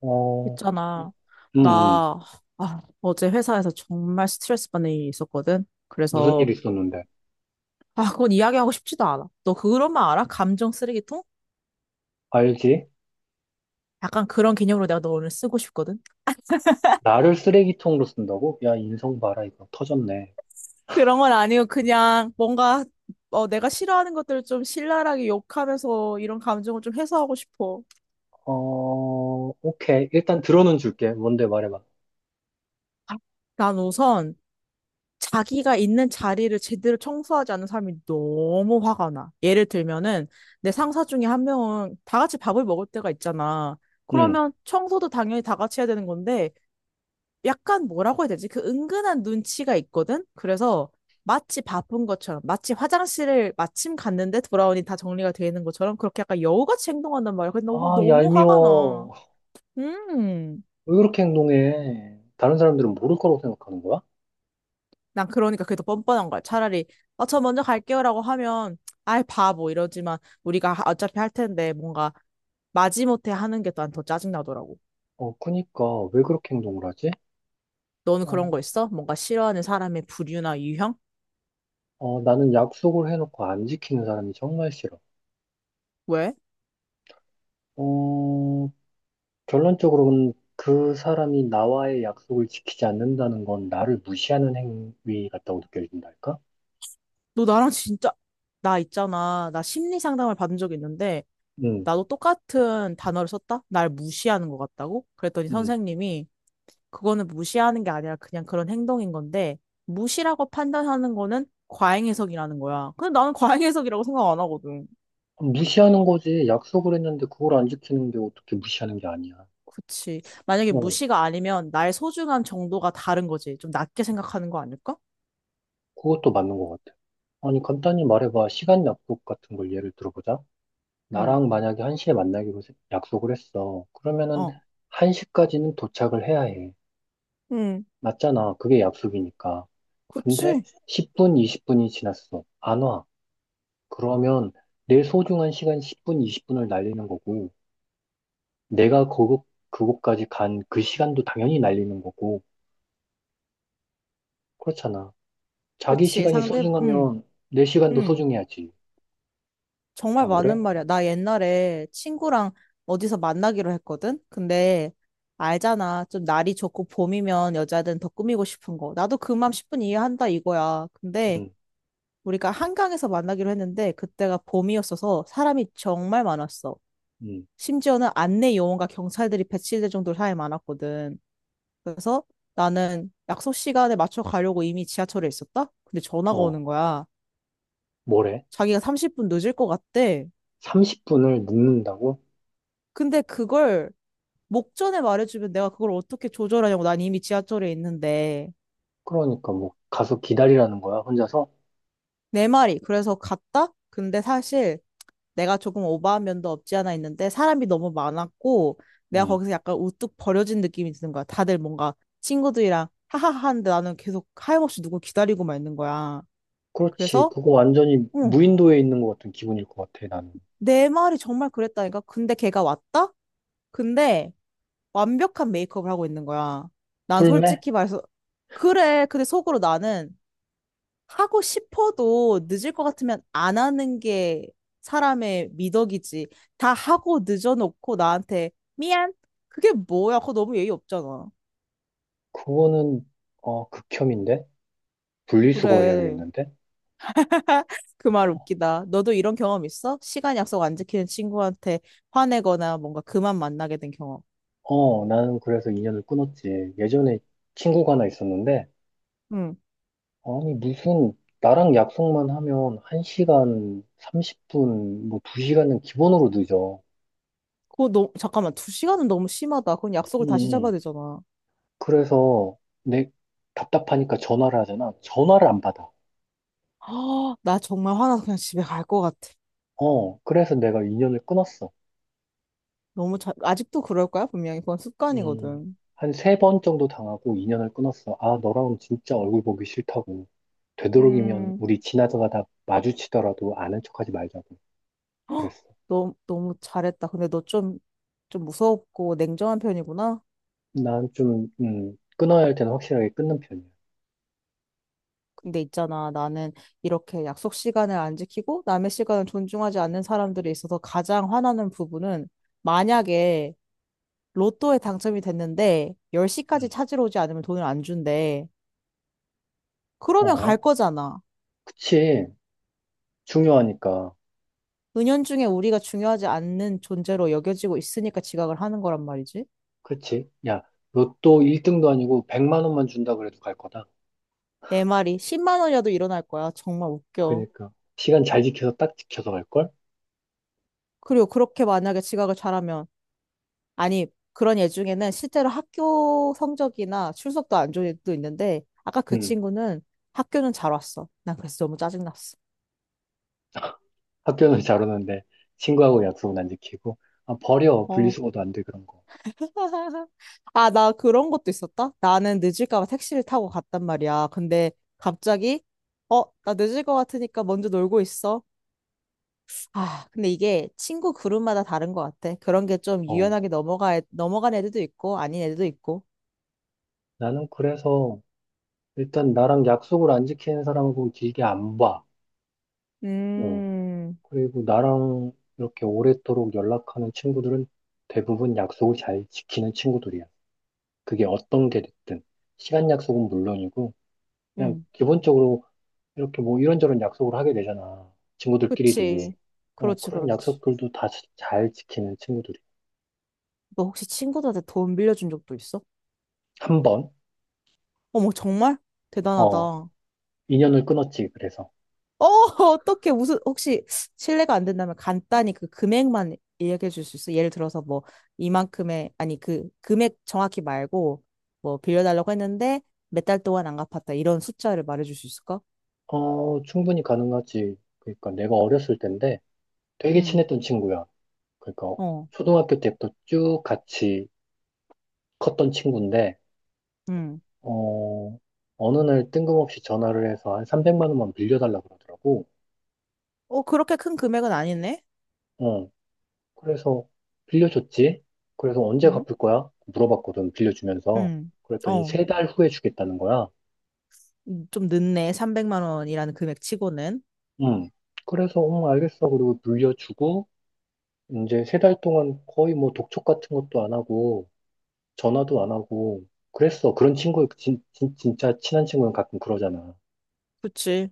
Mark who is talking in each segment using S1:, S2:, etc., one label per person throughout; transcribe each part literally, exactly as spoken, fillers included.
S1: 어,
S2: 있잖아.
S1: 음, 음.
S2: 나, 아, 어제 회사에서 정말 스트레스 받는 일이 있었거든.
S1: 무슨 일
S2: 그래서,
S1: 있었는데?
S2: 아, 그건 이야기하고 싶지도 않아. 너 그런 말 알아? 감정 쓰레기통?
S1: 알지?
S2: 약간 그런 개념으로 내가 너 오늘 쓰고 싶거든.
S1: 나를 쓰레기통으로 쓴다고? 야, 인성 봐라, 이거. 터졌네.
S2: 그런 건 아니고, 그냥 뭔가, 어, 내가 싫어하는 것들을 좀 신랄하게 욕하면서 이런 감정을 좀 해소하고 싶어.
S1: 어, 오케이. 일단 들어는 줄게. 뭔데 말해봐.
S2: 아, 난 우선, 자기가 있는 자리를 제대로 청소하지 않는 사람이 너무 화가 나. 예를 들면은 내 상사 중에 한 명은 다 같이 밥을 먹을 때가 있잖아.
S1: 응.
S2: 그러면 청소도 당연히 다 같이 해야 되는 건데 약간 뭐라고 해야 되지? 그 은근한 눈치가 있거든? 그래서 마치 바쁜 것처럼, 마치 화장실을 마침 갔는데 돌아오니 다 정리가 되어 있는 것처럼 그렇게 약간 여우같이 행동한단 말이야. 근데 너무,
S1: 아,
S2: 너무 화가 나.
S1: 얄미워.
S2: 음.
S1: 왜 그렇게 행동해? 다른 사람들은 모를 거라고 생각하는 거야?
S2: 난 그러니까 그게 더 뻔뻔한 거야. 차라리, 어, 저 먼저 갈게요라고 하면, 아이, 바보, 이러지만, 우리가 하- 어차피 할 텐데, 뭔가, 마지못해 하는 게 난 더 짜증나더라고.
S1: 어, 그니까, 왜 그렇게 행동을 하지?
S2: 너는 그런 거
S1: 어,
S2: 있어? 뭔가 싫어하는 사람의 부류나 유형?
S1: 어, 나는 약속을 해놓고 안 지키는 사람이 정말 싫어.
S2: 왜?
S1: 어, 결론적으로는 그 사람이 나와의 약속을 지키지 않는다는 건 나를 무시하는 행위 같다고 느껴진달까?
S2: 너 나랑 진짜, 나 있잖아. 나 심리 상담을 받은 적이 있는데,
S1: 응,
S2: 나도 똑같은 단어를 썼다? 날 무시하는 것 같다고? 그랬더니
S1: 응.
S2: 선생님이, 그거는 무시하는 게 아니라 그냥 그런 행동인 건데, 무시라고 판단하는 거는 과잉해석이라는 거야. 근데 나는 과잉해석이라고 생각 안 하거든.
S1: 무시하는 거지. 약속을 했는데 그걸 안 지키는 게 어떻게 무시하는 게 아니야.
S2: 그치. 만약에
S1: 어,
S2: 무시가 아니면 나의 소중한 정도가 다른 거지. 좀 낮게 생각하는 거 아닐까?
S1: 그것도 맞는 것 같아. 아니, 간단히 말해봐. 시간 약속 같은 걸 예를 들어보자.
S2: 응,
S1: 나랑 만약에 한 시에 만나기로 세- 약속을 했어. 그러면은
S2: 어.
S1: 한 시까지는 도착을 해야 해.
S2: 응,
S1: 맞잖아. 그게 약속이니까. 근데
S2: 그치.
S1: 십 분, 이십 분이 지났어. 안 와. 그러면 내 소중한 시간 십 분, 이십 분을 날리는 거고, 내가 그곳, 그곳까지 간 그 시간도 당연히 날리는 거고, 그렇잖아. 자기
S2: 그치.
S1: 시간이
S2: 상대, 응,
S1: 소중하면 내 시간도
S2: 응.
S1: 소중해야지.
S2: 정말
S1: 안
S2: 많은
S1: 그래?
S2: 말이야. 나 옛날에 친구랑 어디서 만나기로 했거든? 근데 알잖아. 좀 날이 좋고 봄이면 여자들은 더 꾸미고 싶은 거. 나도 그 마음 십 분 이해한다 이거야. 근데
S1: 응,
S2: 우리가 한강에서 만나기로 했는데 그때가 봄이었어서 사람이 정말 많았어.
S1: 응.
S2: 심지어는 안내 요원과 경찰들이 배치될 정도로 사람이 많았거든. 그래서 나는 약속 시간에 맞춰 가려고 이미 지하철에 있었다? 근데 전화가
S1: 어,
S2: 오는 거야.
S1: 뭐래?
S2: 자기가 삼십 분 늦을 것 같대.
S1: 삼십 분을 묵는다고.
S2: 근데 그걸 목전에 말해주면 내가 그걸 어떻게 조절하냐고. 난 이미 지하철에 있는데.
S1: 그러니까 뭐, 가서 기다리라는 거야, 혼자서?
S2: 내 말이. 그래서 갔다? 근데 사실 내가 조금 오버한 면도 없지 않아 있는데 사람이 너무 많았고 내가
S1: 응.
S2: 거기서 약간 우뚝 버려진 느낌이 드는 거야. 다들 뭔가 친구들이랑 하하하 하는데 나는 계속 하염없이 누굴 기다리고만 있는 거야.
S1: 그렇지.
S2: 그래서
S1: 그거 완전히
S2: 응,
S1: 무인도에 있는 것 같은 기분일 것 같아, 나는.
S2: 내 말이 정말 그랬다니까. 근데 걔가 왔다? 근데 완벽한 메이크업을 하고 있는 거야. 난
S1: 풀매.
S2: 솔직히 말해서 그래. 근데 속으로 나는 하고 싶어도 늦을 것 같으면 안 하는 게 사람의 미덕이지. 다 하고 늦어놓고 나한테 미안. 그게 뭐야? 그거 너무 예의 없잖아.
S1: 그거는, 어, 극혐인데? 분리수거
S2: 그래.
S1: 해야겠는데?
S2: 그 말 웃기다. 너도 이런 경험 있어? 시간 약속 안 지키는 친구한테 화내거나 뭔가 그만 만나게 된 경험.
S1: 어, 나는 그래서 인연을 끊었지. 예전에 친구가 하나 있었는데,
S2: 응.
S1: 아니, 무슨, 나랑 약속만 하면 한 시간 삼십 분, 뭐 두 시간은 기본으로 늦어.
S2: 그거 너 잠깐만. 두 시간은 너무 심하다. 그건 약속을 다시
S1: 음,
S2: 잡아야 되잖아.
S1: 그래서 내 답답하니까 전화를 하잖아. 전화를 안 받아.
S2: 아, 나 정말 화나서 그냥 집에 갈 것 같아.
S1: 어, 그래서 내가 인연을 끊었어.
S2: 너무 자, 아직도 그럴 거야? 분명히 그건
S1: 음,
S2: 습관이거든.
S1: 한 세 번 정도 당하고 인연을 끊었어. 아, 너랑 진짜 얼굴 보기 싫다고. 되도록이면
S2: 음.
S1: 우리 지나가다 마주치더라도 아는 척하지 말자고.
S2: 헉,
S1: 그랬어.
S2: 너무, 너무 잘했다. 근데 너 좀, 좀 무섭고 냉정한 편이구나.
S1: 난 좀, 음, 끊어야 할 때는 확실하게 끊는 편이야.
S2: 근데 있잖아. 나는 이렇게 약속 시간을 안 지키고 남의 시간을 존중하지 않는 사람들이 있어서 가장 화나는 부분은 만약에 로또에 당첨이 됐는데 열 시까지
S1: 음.
S2: 찾으러 오지 않으면 돈을 안 준대. 그러면 갈
S1: 어,
S2: 거잖아.
S1: 그치. 중요하니까.
S2: 은연중에 우리가 중요하지 않는 존재로 여겨지고 있으니까 지각을 하는 거란 말이지.
S1: 그치. 야, 로또 일 등도 아니고 백만 원만 준다 그래도 갈 거다.
S2: 내 말이 십만 원이라도 일어날 거야. 정말 웃겨.
S1: 그러니까. 시간 잘 지켜서 딱 지켜서 갈걸?
S2: 그리고 그렇게 만약에 지각을 잘하면 아니, 그런 애 중에는 실제로 학교 성적이나 출석도 안 좋은 애도 있는데, 아까 그
S1: 음,
S2: 친구는 학교는 잘 왔어. 난 그래서 너무 짜증났어.
S1: 학교는 잘 오는데 친구하고 약속은 안 지키고. 아, 버려.
S2: 어.
S1: 분리수거도 안 돼, 그런 거.
S2: 아, 나 그런 것도 있었다? 나는 늦을까 봐 택시를 타고 갔단 말이야. 근데 갑자기, 어, 나 늦을 것 같으니까 먼저 놀고 있어. 아, 근데 이게 친구 그룹마다 다른 것 같아. 그런 게 좀
S1: 어,
S2: 유연하게 넘어가, 넘어간 애들도 있고, 아닌 애들도 있고.
S1: 나는 그래서 일단 나랑 약속을 안 지키는 사람하고 길게 안 봐. 어.
S2: 음,
S1: 그리고 나랑 이렇게 오래도록 연락하는 친구들은 대부분 약속을 잘 지키는 친구들이야. 그게 어떤 게 됐든. 시간 약속은 물론이고, 그냥
S2: 음,
S1: 기본적으로 이렇게 뭐 이런저런 약속을 하게 되잖아. 친구들끼리도. 그치.
S2: 그치.
S1: 어,
S2: 그렇지,
S1: 그런
S2: 그렇지.
S1: 약속들도 다 잘 지키는 친구들이.
S2: 너 혹시 친구들한테 돈 빌려준 적도 있어?
S1: 한 번,
S2: 어머, 정말? 대단하다.
S1: 어,
S2: 어,
S1: 인연을 끊었지. 그래서.
S2: 어떻게 무슨 혹시 실례가 안 된다면 간단히 그 금액만 이야기해 줄 수 있어? 예를 들어서 뭐 이만큼의 아니 그 금액 정확히 말고 뭐 빌려달라고 했는데 몇 달 동안 안 갚았다 이런 숫자를 말해 줄 수 있을까?
S1: 어, 충분히 가능하지. 그러니까 내가 어렸을 때인데 되게
S2: 응.
S1: 친했던 친구야. 그러니까
S2: 어.
S1: 초등학교 때부터 쭉 같이 컸던 친구인데,
S2: 응.
S1: 어, 어느 날 뜬금없이 전화를 해서 한 삼백만 원만 빌려달라 그러더라고.
S2: 어, 그렇게 큰 금액은 아니네.
S1: 어, 그래서 빌려줬지. 그래서 언제
S2: 응?
S1: 갚을 거야? 물어봤거든, 빌려주면서.
S2: 응.
S1: 그랬더니
S2: 어.
S1: 세 달 후에 주겠다는 거야.
S2: 음, 좀 늦네. 삼백만 원이라는 금액 치고는.
S1: 응. 그래서, 응, 알겠어. 그리고 빌려주고, 이제 세 달 동안 거의 뭐 독촉 같은 것도 안 하고, 전화도 안 하고, 그랬어. 그런 친구, 진, 진, 진짜 친한 친구는 가끔 그러잖아.
S2: 그치.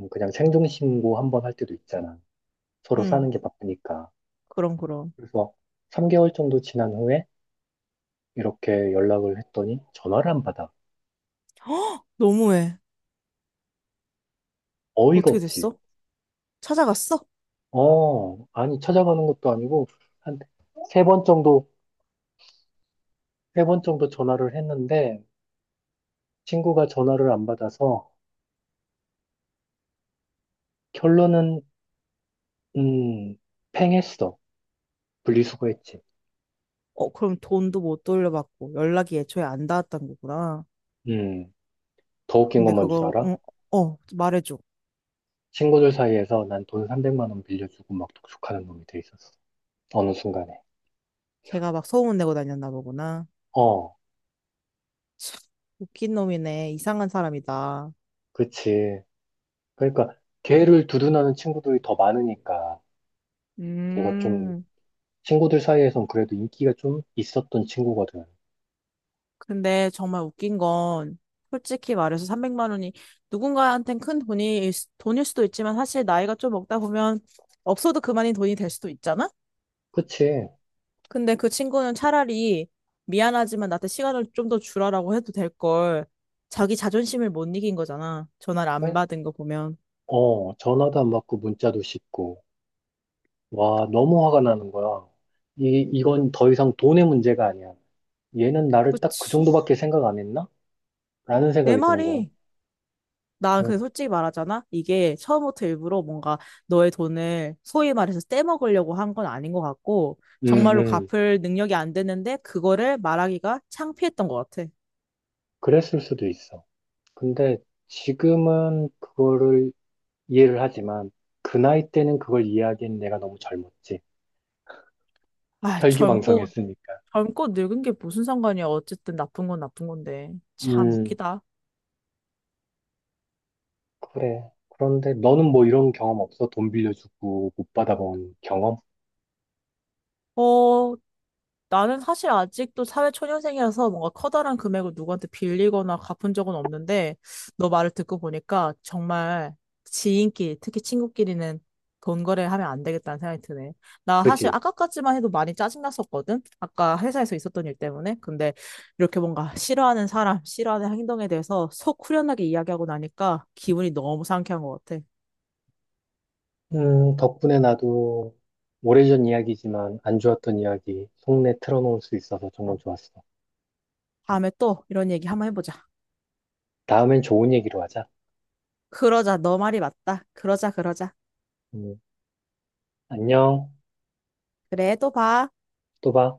S1: 음, 그냥 생존신고 한번 할 때도 있잖아. 서로
S2: 응.
S1: 사는 게 바쁘니까.
S2: 그럼 그럼.
S1: 그래서 삼 개월 정도 지난 후에 이렇게 연락을 했더니 전화를 안 받아.
S2: 너무해.
S1: 어이가
S2: 어떻게
S1: 없지.
S2: 됐어? 찾아갔어?
S1: 어, 아니, 찾아가는 것도 아니고, 한 세 번 정도, 세 번 정도 전화를 했는데, 친구가 전화를 안 받아서, 결론은, 음, 팽했어. 분리수거했지.
S2: 어, 그럼 돈도 못 돌려받고 연락이 애초에 안 닿았던 거구나.
S1: 음, 더 웃긴
S2: 근데
S1: 건 뭔 줄
S2: 그거,
S1: 알아?
S2: 응, 어, 어, 말해줘.
S1: 친구들 사이에서 난 돈 삼백만 원 빌려주고 막 독촉하는 놈이 돼 있었어. 어느 순간에.
S2: 걔가 막 소문 내고 다녔나 보구나.
S1: 어,
S2: 참, 웃긴 놈이네. 이상한 사람이다.
S1: 그치. 그러니까, 걔를 두둔하는 친구들이 더 많으니까. 걔가 좀
S2: 음,
S1: 친구들 사이에선 그래도 인기가 좀 있었던 친구거든.
S2: 근데 정말 웃긴 건 솔직히 말해서 삼백만 원이 누군가한텐 큰 돈이 돈일 수도 있지만 사실 나이가 좀 먹다 보면 없어도 그만인 돈이 될 수도 있잖아.
S1: 그치?
S2: 근데 그 친구는 차라리 미안하지만 나한테 시간을 좀 더 주라라고 해도 될 걸. 자기 자존심을 못 이긴 거잖아. 전화를 안
S1: 아니,
S2: 받은 거 보면.
S1: 어, 전화도 안 받고 문자도 씹고. 와, 너무 화가 나는 거야. 이, 이건 더 이상 돈의 문제가 아니야. 얘는 나를 딱 그
S2: 그치.
S1: 정도밖에 생각 안 했나? 라는
S2: 내
S1: 생각이 드는 거야.
S2: 말이. 난 근데
S1: 어.
S2: 솔직히 말하잖아. 이게 처음부터 일부러 뭔가 너의 돈을 소위 말해서 떼먹으려고 한 건 아닌 것 같고,
S1: 음,
S2: 정말로
S1: 음.
S2: 갚을 능력이 안 됐는데, 그거를 말하기가 창피했던 것 같아.
S1: 그랬을 수도 있어. 근데 지금은 그거를 이해를 하지만 그 나이 때는 그걸 이해하기엔 내가 너무 젊었지.
S2: 아, 젊고,
S1: 혈기왕성했으니까.
S2: 젊고 늙은 게 무슨 상관이야. 어쨌든 나쁜 건 나쁜 건데. 참
S1: 음,
S2: 웃기다.
S1: 그래. 그런데 너는 뭐 이런 경험 없어? 돈 빌려주고 못 받아본 경험?
S2: 어, 나는 사실 아직도 사회초년생이라서 뭔가 커다란 금액을 누구한테 빌리거나 갚은 적은 없는데, 너 말을 듣고 보니까 정말 지인끼리, 특히 친구끼리는 돈 거래하면 안 되겠다는 생각이 드네. 나 사실
S1: 그지?
S2: 아까까지만 해도 많이 짜증났었거든? 아까 회사에서 있었던 일 때문에. 근데 이렇게 뭔가 싫어하는 사람, 싫어하는 행동에 대해서 속 후련하게 이야기하고 나니까 기분이 너무 상쾌한 것 같아.
S1: 음, 덕분에 나도 오래전 이야기지만 안 좋았던 이야기 속내 틀어놓을 수 있어서 정말 좋았어.
S2: 다음에 또 이런 얘기 한번 해보자.
S1: 다음엔 좋은 얘기로 하자.
S2: 그러자, 너 말이 맞다. 그러자, 그러자.
S1: 음, 안녕.
S2: 그래, 또 봐.
S1: 또 봐.